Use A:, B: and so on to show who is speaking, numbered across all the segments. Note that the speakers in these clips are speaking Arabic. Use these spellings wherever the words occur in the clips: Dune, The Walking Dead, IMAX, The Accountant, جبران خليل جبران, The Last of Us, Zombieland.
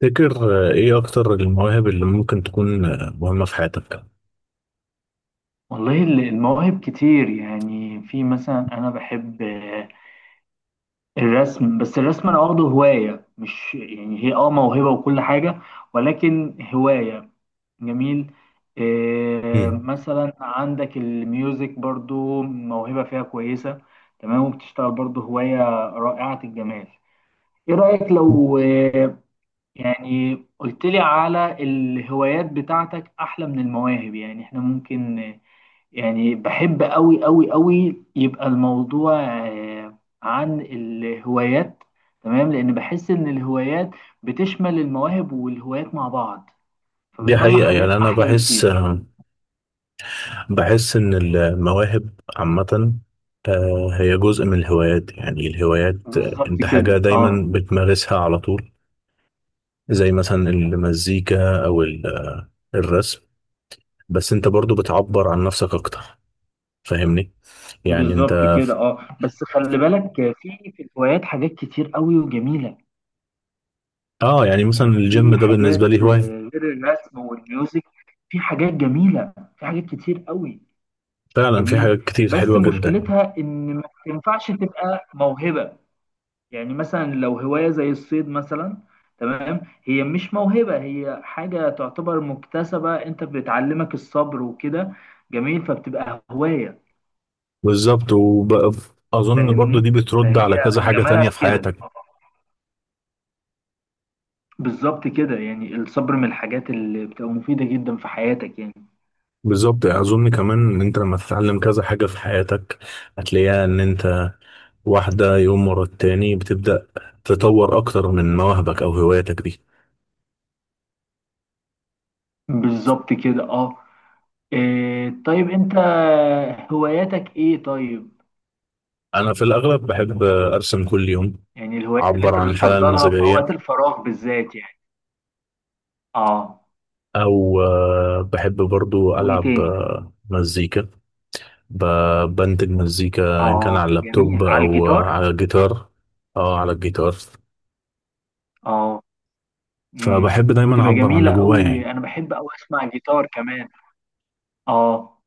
A: تفتكر ايه اكتر المواهب اللي ممكن تكون مهمة في حياتك؟
B: والله المواهب كتير، يعني في مثلا انا بحب الرسم. بس الرسم انا واخده هواية، مش يعني هي موهبة وكل حاجة، ولكن هواية. جميل.
A: مم.
B: مثلا عندك الميوزك برضو موهبة فيها كويسة. تمام، وبتشتغل برضو هواية رائعة الجمال. ايه رأيك لو يعني قلت لي على الهوايات بتاعتك احلى من المواهب؟ يعني احنا ممكن، يعني بحب قوي قوي قوي، يبقى الموضوع عن الهوايات. تمام، لان بحس ان الهوايات بتشمل المواهب والهوايات مع بعض،
A: دي
B: فبتطلع
A: حقيقة،
B: حاجات
A: يعني انا
B: احلى
A: بحس
B: بكتير.
A: بحس ان المواهب عامة، هي جزء من الهوايات. يعني الهوايات
B: بالظبط
A: انت حاجة
B: كده، اه.
A: دايما بتمارسها على طول، زي مثلا المزيكا او الرسم. بس انت برضو بتعبر عن نفسك اكتر. فاهمني؟ يعني
B: بالظبط
A: انت
B: كده، اه، بس خلي بالك، في الهوايات حاجات كتير قوي وجميلة.
A: اه، يعني مثلا
B: يعني
A: الجيم
B: في
A: ده بالنسبة
B: حاجات
A: لي هواية.
B: غير الرسم والميوزك، في حاجات جميلة، في حاجات كتير قوي.
A: فعلا في
B: جميل.
A: حاجات كتير
B: بس
A: حلوة جدا.
B: مشكلتها ان ما تنفعش تبقى موهبة. يعني مثلا لو هواية زي الصيد مثلا، تمام، هي مش موهبة، هي حاجة تعتبر مكتسبة، انت بتعلمك الصبر وكده. جميل، فبتبقى هواية.
A: بالظبط. وبقى اظن برضو دي
B: فاهمني؟
A: بترد
B: فهي
A: على كذا حاجة
B: جمالها
A: تانية في
B: في كده.
A: حياتك.
B: بالظبط كده، يعني الصبر من الحاجات اللي بتبقى مفيدة جدا في حياتك يعني.
A: بالظبط، يعني اظن كمان ان انت لما تتعلم كذا حاجة في حياتك هتلاقيها ان انت واحدة يوم ورا التاني بتبدأ تطور اكتر من مواهبك او هواياتك دي.
B: بالظبط كده، اه. إيه طيب، انت هواياتك ايه طيب؟
A: انا في الاغلب بحب ارسم كل يوم،
B: يعني الهوايات اللي
A: اعبر
B: انت
A: عن الحالة
B: بتفضلها في
A: المزاجية،
B: اوقات الفراغ بالذات يعني. اه.
A: او بحب برضو
B: وايه
A: العب
B: تاني؟
A: مزيكا. بنتج مزيكا ان كان
B: اه
A: على اللابتوب
B: جميل، على
A: او
B: الجيتار.
A: على الجيتار. اه، على الجيتار.
B: اه. امم
A: فبحب دايما
B: بتبقى
A: اعبر عن
B: جميلة
A: اللي جوايا
B: قوي،
A: يعني.
B: انا بحب قوي اسمع جيتار كمان. اه.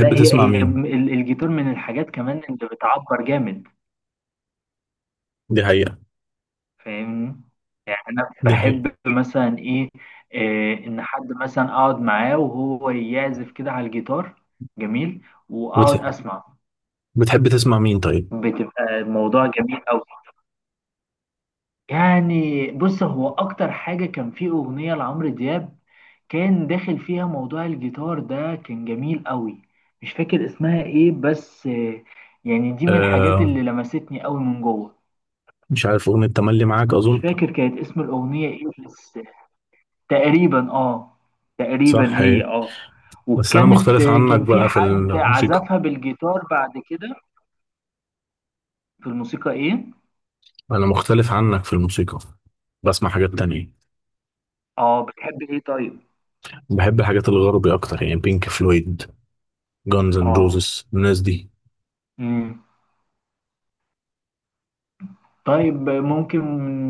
B: لا، هي
A: تسمع
B: هي
A: مين؟
B: الجيتار من الحاجات كمان اللي بتعبر جامد.
A: دي حقيقة.
B: فاهمني؟ يعني انا
A: دي حقيقة.
B: بحب مثلا ايه، ان حد مثلا اقعد معاه وهو يعزف كده على الجيتار، جميل،
A: بتح...
B: واقعد اسمع.
A: بتحب تسمع مين طيب؟
B: بتبقى الموضوع جميل قوي. يعني بص، هو اكتر حاجة كان فيه اغنية لعمرو دياب كان داخل فيها موضوع الجيتار ده، كان جميل قوي. مش فاكر اسمها ايه بس، يعني دي من الحاجات
A: آه،
B: اللي لمستني قوي من جوه.
A: مش عارف، اغنية تملي معاك
B: مش
A: اظن.
B: فاكر كانت اسم الاغنية ايه، بس تقريبا اه، تقريبا
A: صح،
B: هي
A: هي.
B: اه.
A: بس انا
B: وكانت
A: مختلف عنك
B: كان في
A: بقى في
B: حد
A: الموسيقى.
B: عزفها بالجيتار بعد كده. في الموسيقى ايه؟
A: انا مختلف عنك في الموسيقى، بسمع حاجات تانية.
B: اه، بتحب ايه طيب؟
A: بحب الحاجات الغربي اكتر، يعني بينك فلويد، جانز اند
B: اه.
A: روزز، الناس دي.
B: امم طيب ممكن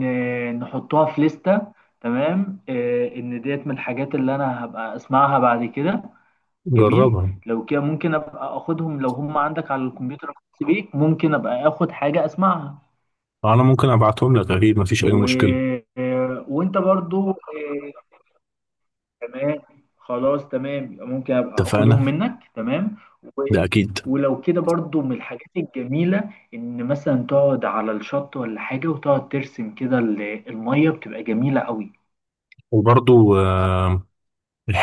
B: نحطها في لستة، تمام، ان ديت من الحاجات اللي انا هبقى اسمعها بعد كده. جميل.
A: جربها.
B: لو كده ممكن ابقى اخدهم، لو هم عندك على الكمبيوتر الخاص بيك ممكن ابقى اخد حاجة اسمعها.
A: انا ممكن ابعتهم لك، اكيد مفيش اي
B: و...
A: مشكلة.
B: آه، وانت برضو آه، تمام، خلاص، تمام، يبقى ممكن ابقى اخدهم
A: اتفقنا.
B: منك. تمام. و...
A: ده اكيد.
B: ولو كده برضو من الحاجات الجميلة، ان مثلا تقعد على الشط ولا حاجة وتقعد ترسم كده المية، بتبقى جميلة قوي.
A: وبرضو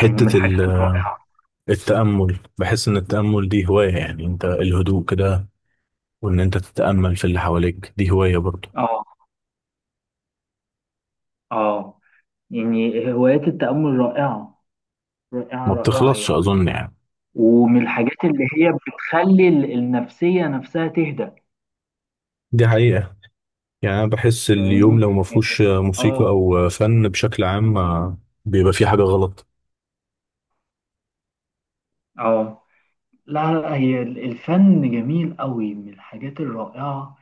B: يعني من
A: ال
B: الحاجات الرائعة.
A: التأمل، بحس إن التأمل دي هواية. يعني أنت الهدوء كده، وإن أنت تتأمل في اللي حواليك دي هواية برضه.
B: اه. اه. يعني هوايات التأمل رائعة، رائعة
A: ما
B: رائعة
A: بتخلصش
B: يعني.
A: أظن يعني.
B: ومن الحاجات اللي هي بتخلي النفسية نفسها تهدأ.
A: دي حقيقة. يعني أنا بحس اليوم
B: فاهمني
A: لو ما
B: يعني.
A: فيهوش موسيقى
B: اه.
A: أو فن بشكل عام، بيبقى فيه حاجة غلط.
B: اه. لا لا، هي الفن جميل قوي، من الحاجات الرائعة.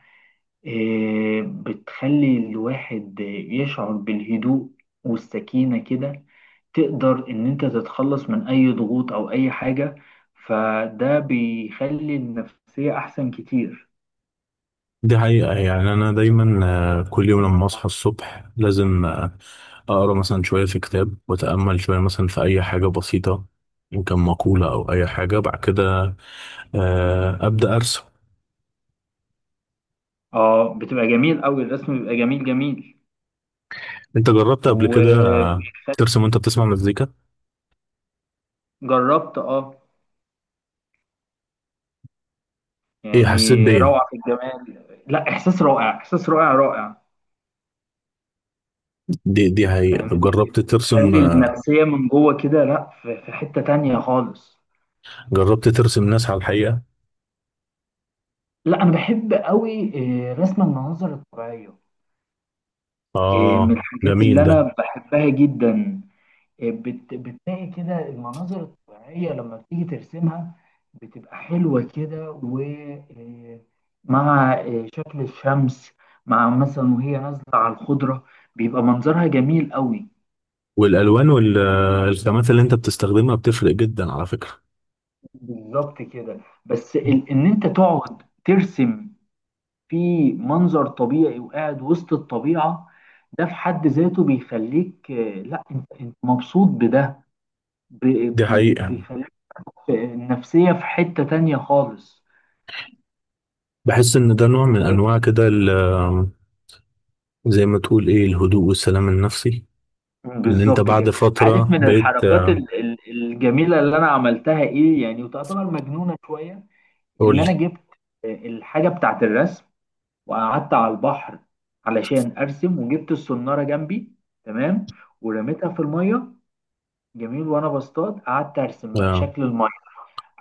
B: إيه، بتخلي الواحد يشعر بالهدوء والسكينة كده. تقدر إن أنت تتخلص من أي ضغوط أو أي حاجة، فده بيخلي النفسية أحسن كتير.
A: دي حقيقة. يعني أنا دايما كل يوم لما أصحى الصبح لازم أقرأ مثلا شوية في كتاب، وأتأمل شوية مثلا في أي حاجة بسيطة، إن كان مقولة أو أي حاجة. بعد كده أبدأ أرسم.
B: اه بتبقى جميل قوي، الرسم بيبقى جميل جميل.
A: انت جربت قبل كده
B: وجربت،
A: ترسم وانت بتسمع مزيكا؟
B: اه،
A: ايه
B: يعني
A: حسيت بايه؟
B: روعة في الجمال. لا، إحساس رائع، إحساس رائع رائع.
A: دي حقيقة. طب
B: فاهمني؟
A: جربت ترسم
B: بتخلي النفسية من جوه كده، لا، في حتة تانية خالص.
A: جربت ترسم ناس على الحقيقة؟
B: لا أنا بحب قوي رسم المناظر الطبيعية، من
A: اه
B: الحاجات
A: جميل
B: اللي
A: ده.
B: أنا بحبها جدا. بتلاقي كده المناظر الطبيعية لما بتيجي ترسمها بتبقى حلوة كده، ومع شكل الشمس مع مثلا وهي نازلة على الخضرة بيبقى منظرها جميل قوي.
A: والالوان والخامات اللي انت بتستخدمها بتفرق جدا على فكرة.
B: بالظبط كده. بس ان انت تقعد ترسم في منظر طبيعي وقاعد وسط الطبيعة، ده في حد ذاته بيخليك، آه، لا انت مبسوط بده.
A: دي حقيقة.
B: بيخليك النفسية في حتة تانية خالص.
A: بحس ان ده نوع من
B: ولكن
A: انواع كده زي ما تقول ايه، الهدوء والسلام النفسي. ان انت
B: بالظبط
A: بعد
B: كده. عارف
A: فترة
B: من
A: بقيت
B: الحركات الجميلة اللي انا عملتها ايه يعني؟ وتعتبر مجنونة شوية.
A: قول
B: ان انا
A: لي.
B: جبت الحاجة بتاعت الرسم، وقعدت على البحر علشان ارسم، وجبت الصنارة جنبي، تمام، ورميتها في المية. جميل، وانا بصطاد قعدت ارسم بقى
A: اه،
B: شكل الميه.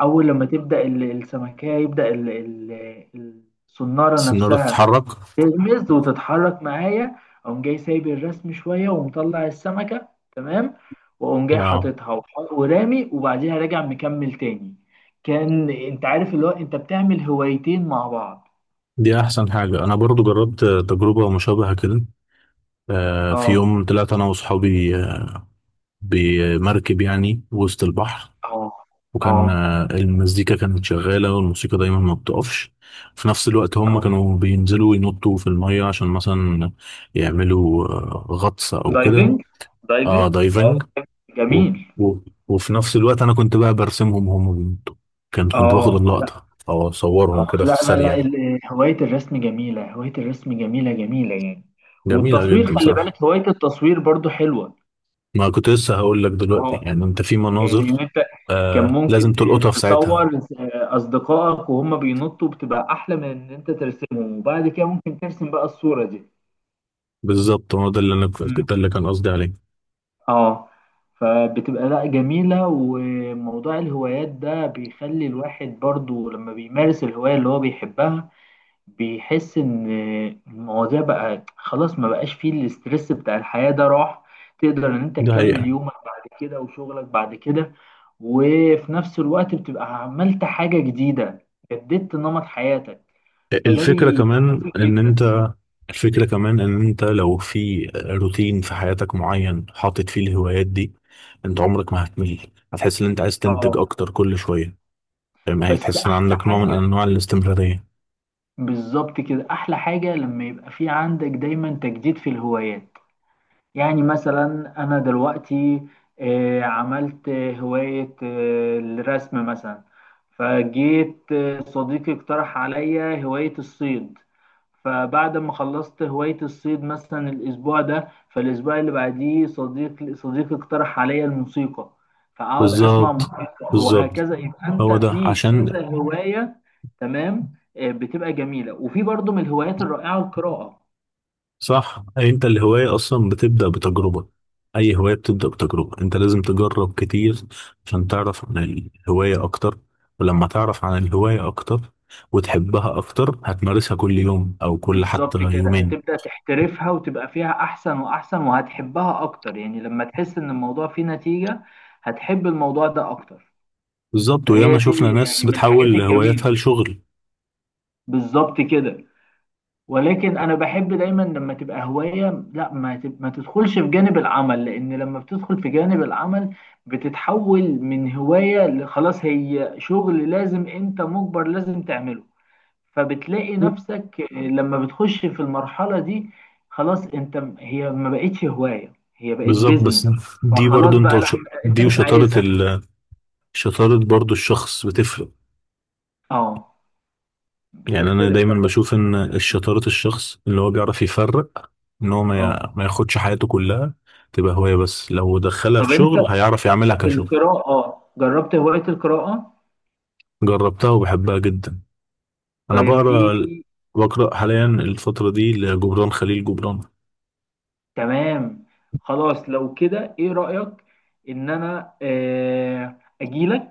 B: اول لما تبدا السمكيه يبدا الصناره
A: السنارة
B: نفسها
A: تتحرك.
B: تغمز وتتحرك معايا، اقوم جاي سايب الرسم شويه ومطلع السمكه، تمام، واقوم جاي
A: اه،
B: حاططها ورامي، وبعديها راجع مكمل تاني. كان انت عارف اللي هو انت بتعمل هوايتين مع بعض.
A: دي احسن حاجة. انا برضو جربت تجربة مشابهة كده. في
B: اه.
A: يوم طلعت انا وصحابي بمركب يعني وسط البحر.
B: اه. اه.
A: وكان المزيكا كانت شغاله، والموسيقى دايما ما بتقفش. في نفس الوقت هم
B: اه.
A: كانوا بينزلوا ينطوا في الميه عشان مثلا يعملوا غطس او كده.
B: دايفنج،
A: اه،
B: دايفنج اه.
A: دايفنج. و...
B: جميل.
A: و... وفي نفس الوقت انا كنت بقى برسمهم وهم بينطوا. كنت باخد
B: اه.
A: اللقطه او اصورهم
B: اه،
A: كده في
B: لا لا لا،
A: السريع.
B: هواية الرسم جميلة، هواية الرسم جميلة جميلة يعني.
A: جميله
B: والتصوير،
A: جدا
B: خلي
A: بصراحه.
B: بالك هواية التصوير برضو حلوة.
A: ما كنت لسه هقول لك دلوقتي.
B: اه،
A: يعني انت في
B: يعني ان
A: مناظر
B: انت كان
A: آه لازم
B: ممكن
A: تلقطها في ساعتها.
B: تصور اصدقائك وهم بينطوا بتبقى احلى من ان انت ترسمهم، وبعد كده ممكن ترسم بقى الصورة دي.
A: بالظبط، هو ده اللي انا
B: مم.
A: ده اللي كان قصدي عليه.
B: اه. فبتبقى لا جميلة، وموضوع الهوايات ده بيخلي الواحد برضو لما بيمارس الهواية اللي هو بيحبها بيحس ان المواضيع بقى خلاص ما بقاش فيه الاسترس بتاع الحياة، ده راح. تقدر ان انت
A: ده
B: تكمل
A: حقيقة.
B: يومك بعد كده وشغلك بعد كده، وفي نفس الوقت بتبقى عملت حاجة جديدة، جددت نمط حياتك، فده
A: الفكرة
B: بيبقى
A: كمان
B: مفيد
A: ان
B: جدا.
A: انت الفكرة كمان ان انت لو في روتين في حياتك معين حاطط فيه الهوايات دي، انت عمرك ما هتمل. هتحس ان انت عايز تنتج
B: اه،
A: اكتر كل شوية. فاهم؟
B: بس
A: هتحس ان
B: احلى
A: عندك نوع من
B: حاجة،
A: انواع الاستمرارية.
B: بالظبط كده، احلى حاجة لما يبقى في عندك دايما تجديد في الهوايات. يعني مثلا أنا دلوقتي عملت هواية الرسم مثلا، فجيت صديقي اقترح عليا هواية الصيد، فبعد ما خلصت هواية الصيد مثلا الأسبوع ده، فالأسبوع اللي بعديه صديقي اقترح عليا الموسيقى، فأقعد أسمع
A: بالظبط.
B: موسيقى
A: بالظبط،
B: وهكذا، يبقى أنت
A: هو ده
B: في
A: عشان
B: كذا هواية. تمام، بتبقى جميلة، وفي برضو من الهوايات الرائعة القراءة.
A: صح. انت الهواية اصلا بتبدأ بتجربة. اي هواية بتبدأ بتجربة. انت لازم تجرب كتير عشان تعرف عن الهواية اكتر. ولما تعرف عن الهواية اكتر وتحبها اكتر، هتمارسها كل يوم، او كل حتى
B: بالظبط كده،
A: يومين.
B: هتبدأ تحترفها وتبقى فيها أحسن وأحسن وهتحبها أكتر، يعني لما تحس إن الموضوع فيه نتيجة هتحب الموضوع ده أكتر.
A: بالظبط. وياما
B: فهي
A: شفنا
B: دي
A: ناس
B: يعني من الحاجات
A: بتحول
B: الجميلة.
A: هواياتها لشغل.
B: بالظبط كده، ولكن أنا بحب دايما لما تبقى هواية لا ما تب... ما تدخلش في جانب العمل، لأن لما بتدخل في جانب العمل بتتحول من هواية لخلاص هي شغل لازم أنت مجبر لازم تعمله، فبتلاقي نفسك لما بتخش في المرحلة دي خلاص انت، هي ما بقتش هواية، هي بقت
A: بالظبط. بس
B: بيزنس،
A: دي
B: فخلاص
A: برضو انت
B: بقى لا، انت
A: دي
B: مش
A: وشطارة
B: عايزها.
A: شطارة برضو الشخص بتفرق.
B: اه،
A: يعني انا
B: بتختلف فعلا
A: دايما
B: من
A: بشوف ان
B: شخص لشخص.
A: شطارة الشخص اللي هو بيعرف يفرق ان هو
B: اه
A: ما ياخدش حياته كلها تبقى هواية، بس لو دخلها في
B: طب انت
A: شغل هيعرف يعملها
B: في
A: كشغل.
B: القراءة، اه جربت هواية القراءة؟
A: جربتها وبحبها جدا. انا
B: طيب في
A: بقرا،
B: في
A: بقرا حاليا الفترة دي لجبران خليل جبران.
B: تمام، خلاص لو كده ايه رأيك ان انا اجيلك؟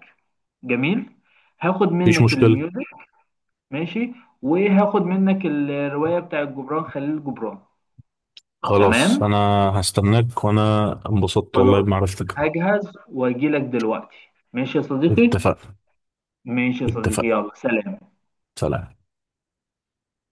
B: جميل، هاخد
A: مفيش
B: منك
A: مشكلة.
B: الميوزك. ماشي، وهاخد منك الرواية بتاع جبران خليل جبران.
A: خلاص،
B: تمام،
A: انا هستناك. وانا انبسطت والله
B: خلاص،
A: بمعرفتك.
B: هجهز واجيلك دلوقتي. ماشي يا صديقي،
A: اتفقنا.
B: ماشي يا صديقي،
A: اتفقنا.
B: يلا سلام.
A: سلام.